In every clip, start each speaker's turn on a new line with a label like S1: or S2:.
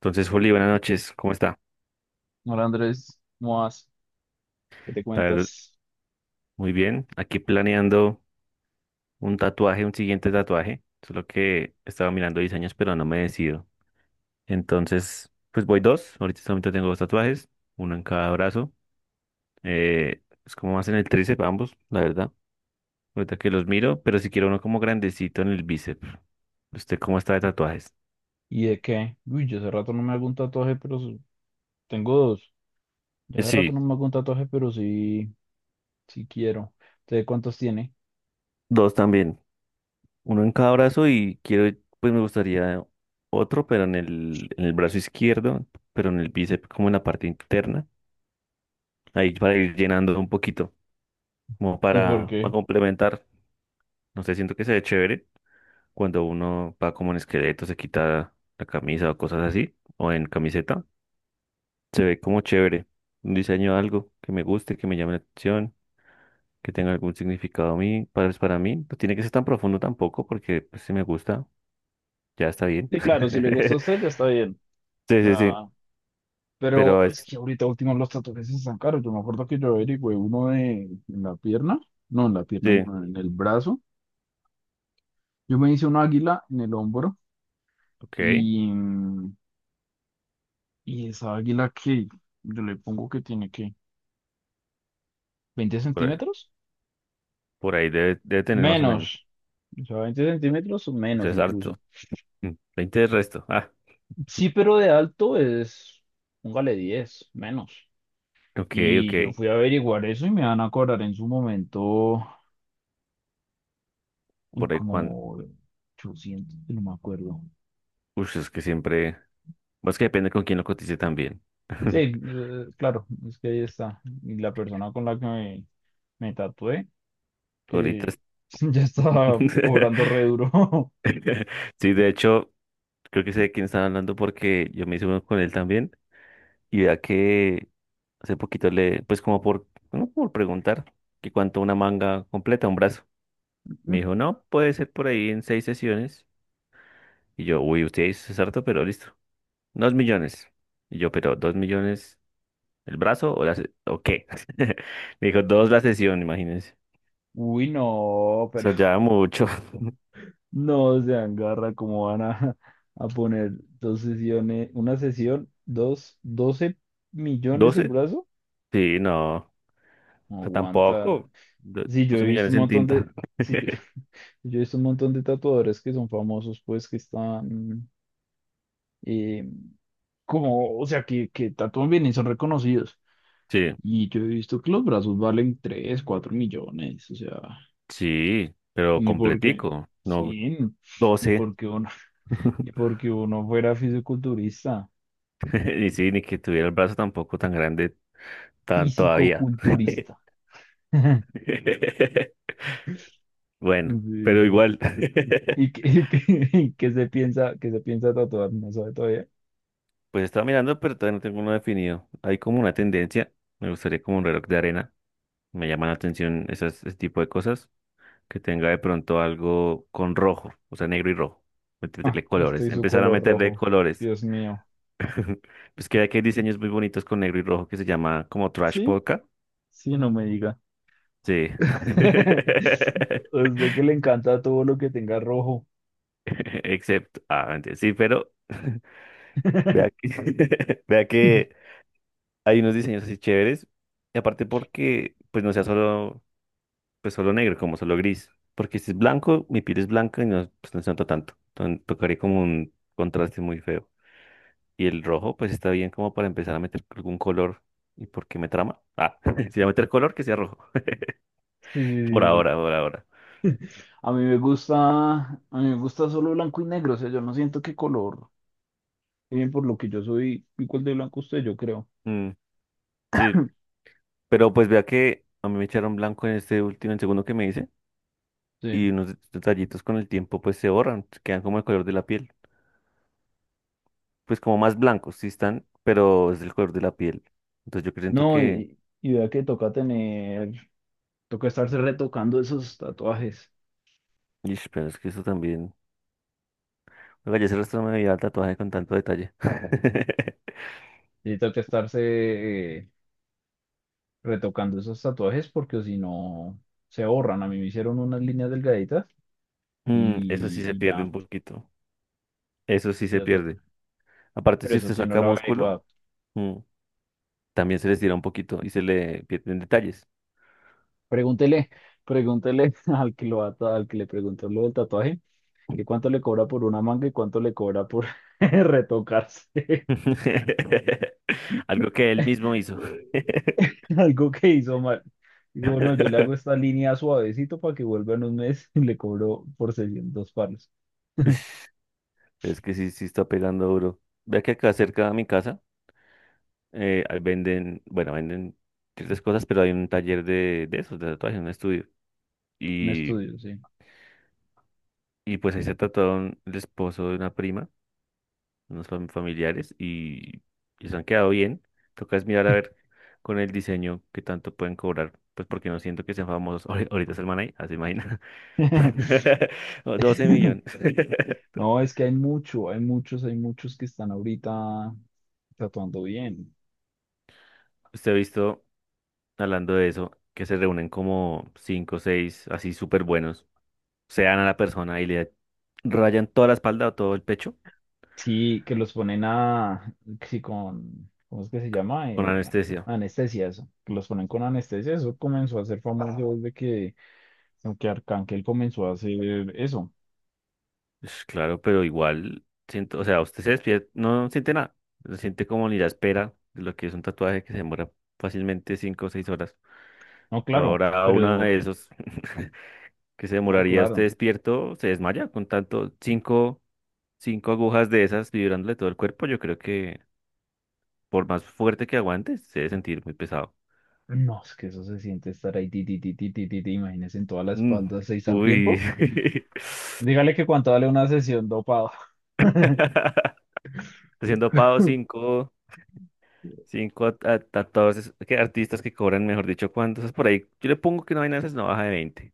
S1: Entonces, Juli, buenas noches. ¿Cómo está?
S2: Hola Andrés, ¿cómo vas? ¿Qué te
S1: La verdad,
S2: cuentas?
S1: muy bien. Aquí planeando un tatuaje, un siguiente tatuaje. Solo que estaba mirando diseños, pero no me decido. Entonces, pues voy dos. Ahorita solamente tengo dos tatuajes, uno en cada brazo. Es como más en el tríceps, ambos, la verdad. Ahorita que los miro, pero si quiero uno como grandecito en el bíceps. ¿Usted cómo está de tatuajes?
S2: ¿Y de qué? Uy, yo hace rato no me hago un tatuaje, pero tengo dos. Yo hace rato
S1: Sí,
S2: no me hago un tatuaje, pero sí, sí quiero. ¿Usted cuántos tiene?
S1: dos también. Uno en cada brazo y quiero, pues me gustaría otro, pero en el brazo izquierdo, pero en el bíceps, como en la parte interna, ahí para ir llenando un poquito, como
S2: ¿Y por
S1: para
S2: qué?
S1: complementar. No sé, siento que se ve chévere cuando uno va como en esqueleto, se quita la camisa o cosas así, o en camiseta, se ve como chévere. Un diseño, algo que me guste, que me llame la atención, que tenga algún significado a mí, para, pues, para mí. No tiene que ser tan profundo tampoco, porque pues, si me gusta, ya está bien.
S2: Sí, claro, si le gusta a usted ya está bien.
S1: Sí, sí, sí.
S2: Ah, pero
S1: Pero es,
S2: es que ahorita último los tatuajes están caros. Yo me acuerdo que yo averigüé uno de, en la pierna, no en la pierna,
S1: sí,
S2: no, en el brazo. Yo me hice una águila en el hombro
S1: ok.
S2: y, y esa águila que yo le pongo que tiene que Veinte
S1: Por,
S2: centímetros?
S1: por ahí debe, debe tener más o menos.
S2: Menos. O sea, 20 centímetros o
S1: Ush,
S2: menos
S1: es harto.
S2: incluso.
S1: Mm, 20 de resto. Ah,
S2: Sí, pero de alto es, póngale 10 menos.
S1: ok, ok.
S2: Y yo fui a averiguar eso y me van a cobrar en su momento, uy,
S1: Por ahí cuando.
S2: como 800, no me acuerdo.
S1: Uy, es que siempre. Pues que depende con quién lo cotice también.
S2: Sí, claro, es que ahí está. Y la persona con la que me tatué,
S1: Ahorita.
S2: que
S1: Es-
S2: ya estaba cobrando re duro.
S1: Sí, de hecho, creo que sé de quién están hablando porque yo me hice uno con él también. Y vea que hace poquito le, pues como por, no por preguntar que cuánto una manga completa, un brazo. Me dijo, no, puede ser por ahí en seis sesiones. Y yo, uy, usted es harto, pero listo. Dos millones. Y yo, pero ¿dos millones el brazo o la se- o qué? Me dijo, dos la sesión, imagínense.
S2: Uy, no,
S1: O
S2: pero
S1: sea, ya mucho.
S2: no sean garra, como van a, a poner dos sesiones, una sesión, dos, 12 millones el
S1: ¿Doce?
S2: brazo?
S1: Sí, no. O
S2: No
S1: sea,
S2: aguanta.
S1: tampoco. Do-
S2: Sí, yo he
S1: Doce
S2: visto
S1: millones
S2: un
S1: en
S2: montón de,
S1: tinta.
S2: sí, yo, yo he visto un montón de tatuadores que son famosos, pues que están eh, como, o sea, que tatúan bien y son reconocidos.
S1: Sí,
S2: Y yo he visto que los brazos valen 3 4 millones, o sea,
S1: sí, pero
S2: ni porque,
S1: completico. No,
S2: sí, ni
S1: doce.
S2: porque uno, ni porque uno fuera fisiculturista.
S1: Y sí, ni que tuviera el brazo tampoco tan grande tan todavía.
S2: Físico-culturista.
S1: Bueno, pero
S2: Sí.
S1: igual.
S2: ¿Y qué, qué- qué se piensa tatuar? No sabe todavía.
S1: Pues estaba mirando, pero todavía no tengo uno definido. Hay como una tendencia, me gustaría como un reloj de arena. Me llama la atención esas, ese tipo de cosas. Que tenga de pronto algo con rojo, o sea, negro y rojo.
S2: Ah,
S1: Meterle colores,
S2: estoy su
S1: empezar a
S2: color
S1: meterle
S2: rojo.
S1: colores.
S2: Dios mío.
S1: Pues que hay diseños muy bonitos con negro y rojo que se llama como trash
S2: ¿Sí?
S1: polka.
S2: Sí, no me diga.
S1: Sí.
S2: A usted que le encanta todo lo que tenga rojo.
S1: Excepto, ah, mentira, sí, pero vea que, vea que hay unos diseños así chéveres. Y aparte porque, pues no sea solo. Pues solo negro, como solo gris. Porque si es blanco, mi piel es blanca y no, pues no se nota tanto. Entonces tocaría como un contraste muy feo. Y el rojo, pues está bien como para empezar a meter algún color. ¿Y por qué me trama? Ah, si voy a meter color, que sea rojo. Por
S2: Sí.
S1: ahora, por ahora.
S2: Sí. A mí me gusta, a mí me gusta solo blanco y negro, o sea, yo no siento qué color. Bien, por lo que yo soy igual de blanco a usted, yo creo.
S1: Mm, sí, pero pues vea que a mí me echaron blanco en este último, en el segundo que me hice.
S2: Sí.
S1: Y unos detallitos con el tiempo, pues se borran, quedan como el color de la piel. Pues como más blancos, sí están, pero es el color de la piel. Entonces yo siento
S2: No,
S1: que...
S2: y vea que toca tener, toca estarse retocando esos tatuajes.
S1: Ish, pero es que eso también. Oiga, yo se resto me veía el tatuaje con tanto detalle.
S2: Y toca estarse eh, retocando esos tatuajes porque si no se borran. A mí me hicieron unas líneas delgaditas
S1: Mm, eso
S2: y,
S1: sí se
S2: y
S1: pierde
S2: ya,
S1: un poquito. Eso sí se
S2: ya toca.
S1: pierde. Aparte,
S2: Pero
S1: si
S2: eso
S1: usted
S2: sí no
S1: saca
S2: lo he
S1: músculo,
S2: averiguado.
S1: mm, también se le estira un poquito y se le pierden detalles.
S2: Pregúntele, pregúntele, al que lo va a ta- al que le preguntó lo del tatuaje, que cuánto le cobra por una manga y cuánto le cobra por retocarse.
S1: Algo que él mismo hizo.
S2: algo que hizo mal. Dijo, no, yo le hago esta línea suavecito para que vuelva en un mes y le cobro por 600 palos.
S1: Es que sí, sí está pegando duro. Vea que acá cerca de mi casa ahí venden, bueno, venden ciertas cosas, pero hay un taller de esos, de tatuajes, un estudio.
S2: Un
S1: Y,
S2: estudio, sí.
S1: y pues ahí se tatuaron el esposo de una prima. Unos fam- familiares y se han quedado bien. Toca es mirar a ver con el diseño qué tanto pueden cobrar, pues porque no siento que sean famosos. Ahori- Ahorita es el man ahí, así imagina. O 12 millones.
S2: No, es que hay mucho, hay muchos, que están ahorita tatuando bien.
S1: Usted ha visto, hablando de eso, que se reúnen como 5 o 6 así súper buenos, se dan a la persona y le rayan toda la espalda o todo el pecho
S2: Sí, que los ponen a, sí, con, ¿cómo es que se llama?
S1: con
S2: Eh,
S1: anestesia.
S2: anestesia, eso. Que los ponen con anestesia, eso comenzó a ser famoso desde que Arcángel comenzó a hacer eso.
S1: Pues claro, pero igual siento, o sea, usted se despierta, no siente nada, se siente como ni la espera de lo que es un tatuaje que se demora fácilmente cinco o seis horas.
S2: No, claro,
S1: Ahora una
S2: pero,
S1: de esos que se
S2: no,
S1: demoraría usted
S2: claro.
S1: despierto, se desmaya con tanto cinco, cinco agujas de esas vibrándole todo el cuerpo, yo creo que por más fuerte que aguante, se debe sentir muy pesado.
S2: No, es que eso se siente estar ahí, ti, ti, ti, ti, ti, ti, ti, imagínese en toda la
S1: Mm.
S2: espalda seis al
S1: Uy.
S2: tiempo. Dígale que cuánto vale una sesión dopado.
S1: Haciendo pavo 5. Cinco a que artistas que cobran, mejor dicho, ¿cuántos? Por ahí, yo le pongo que no hay de no baja de 20.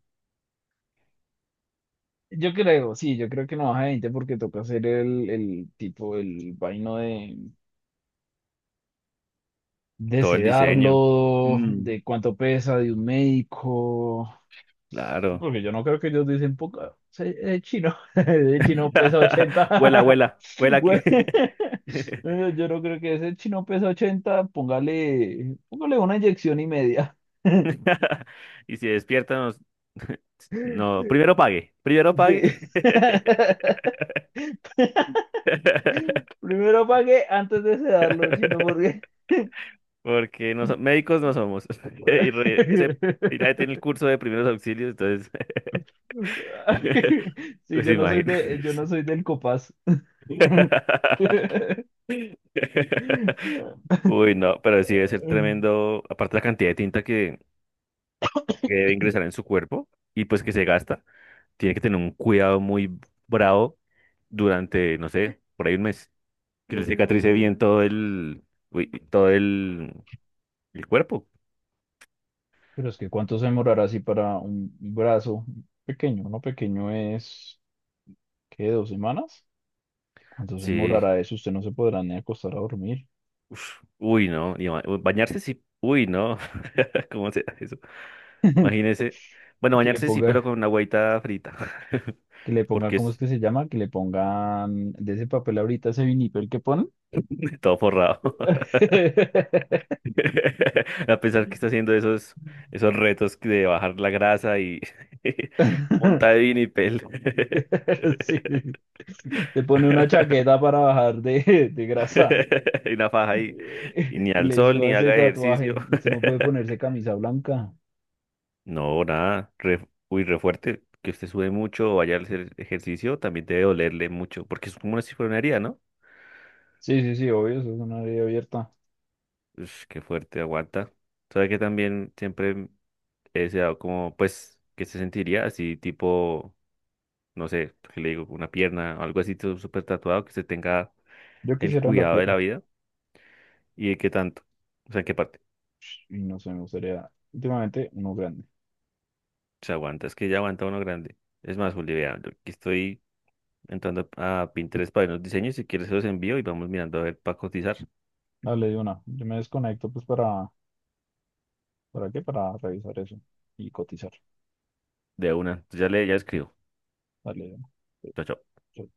S2: Yo creo, sí, yo creo que no baja de 20 porque toca hacer el tipo, el vaino de
S1: Todo el diseño.
S2: sedarlo,
S1: Mm,
S2: de cuánto pesa, de un médico. Sí,
S1: claro.
S2: porque yo no creo que ellos dicen, poca, es chino, ese chino pesa
S1: Huela,
S2: 80
S1: huela, huela
S2: Güey,
S1: aquí.
S2: yo no creo que ese chino pesa 80 póngale, una inyección y media.
S1: Y si despierta, nos... No, primero pague, primero pague.
S2: Sí. Primero pague antes de sedarlo, chino, porque...
S1: Porque no so- médicos no somos. Y, re- ese, y nadie tiene el curso de primeros auxilios, entonces,
S2: Sí,
S1: pues
S2: yo no soy de, yo no
S1: imagínense.
S2: soy del Copaz.
S1: Uy, no, pero sí debe ser tremendo, aparte la cantidad de tinta que debe ingresar en su cuerpo y pues que se gasta, tiene que tener un cuidado muy bravo durante, no sé, por ahí 1 mes, que le cicatrice bien todo uy, todo el cuerpo.
S2: Pero es que ¿cuánto se demorará así para un brazo pequeño? Uno pequeño es, ¿qué? ¿Dos semanas? ¿Cuánto se
S1: Sí,
S2: demorará eso? Usted no se podrá ni acostar a dormir.
S1: uf, uy, no, y ba- bañarse sí, uy, no, ¿cómo se hace eso? Imagínese, bueno,
S2: Que le
S1: bañarse sí,
S2: ponga,
S1: pero con una agüita frita,
S2: que le ponga,
S1: porque
S2: ¿cómo es
S1: es
S2: que se llama? Que le pongan de ese papel ahorita ese vinipel que ponen.
S1: todo forrado. A pesar que está haciendo esos retos de bajar la grasa y punta de vinipel
S2: Sí. Se pone una chaqueta para bajar de grasa
S1: y una faja ahí. Y ni
S2: y
S1: al
S2: le
S1: sol
S2: suba
S1: ni
S2: ese
S1: haga ejercicio.
S2: tatuaje. Usted no puede ponerse camisa blanca.
S1: No, nada. Re, uy, re fuerte. Que usted sube mucho o vaya a hacer ejercicio, también debe dolerle mucho. Porque es como una si fuera una herida, ¿no?
S2: Sí, sí, sí, obvio, eso es una vida abierta.
S1: Ush, qué fuerte, aguanta. Sabe que también siempre he deseado como, pues, que se sentiría así tipo. No sé, ¿qué le digo, una pierna, algo así todo súper tatuado, que se tenga
S2: Yo
S1: el
S2: quisiera una
S1: cuidado de la
S2: pierna
S1: vida y de qué tanto, o sea, en qué parte
S2: y no sé, me gustaría últimamente uno grande.
S1: se aguanta, es que ya aguanta uno grande. Es más, Juli, vea, yo aquí estoy entrando a Pinterest para ver unos diseños, si quieres se los envío y vamos mirando a ver para cotizar
S2: Dale de una. Yo me desconecto pues ¿para qué? Para revisar eso y cotizar.
S1: de una. Entonces ya le, ya escribo.
S2: Dale de una. Sí,
S1: Chao, chao.
S2: sí.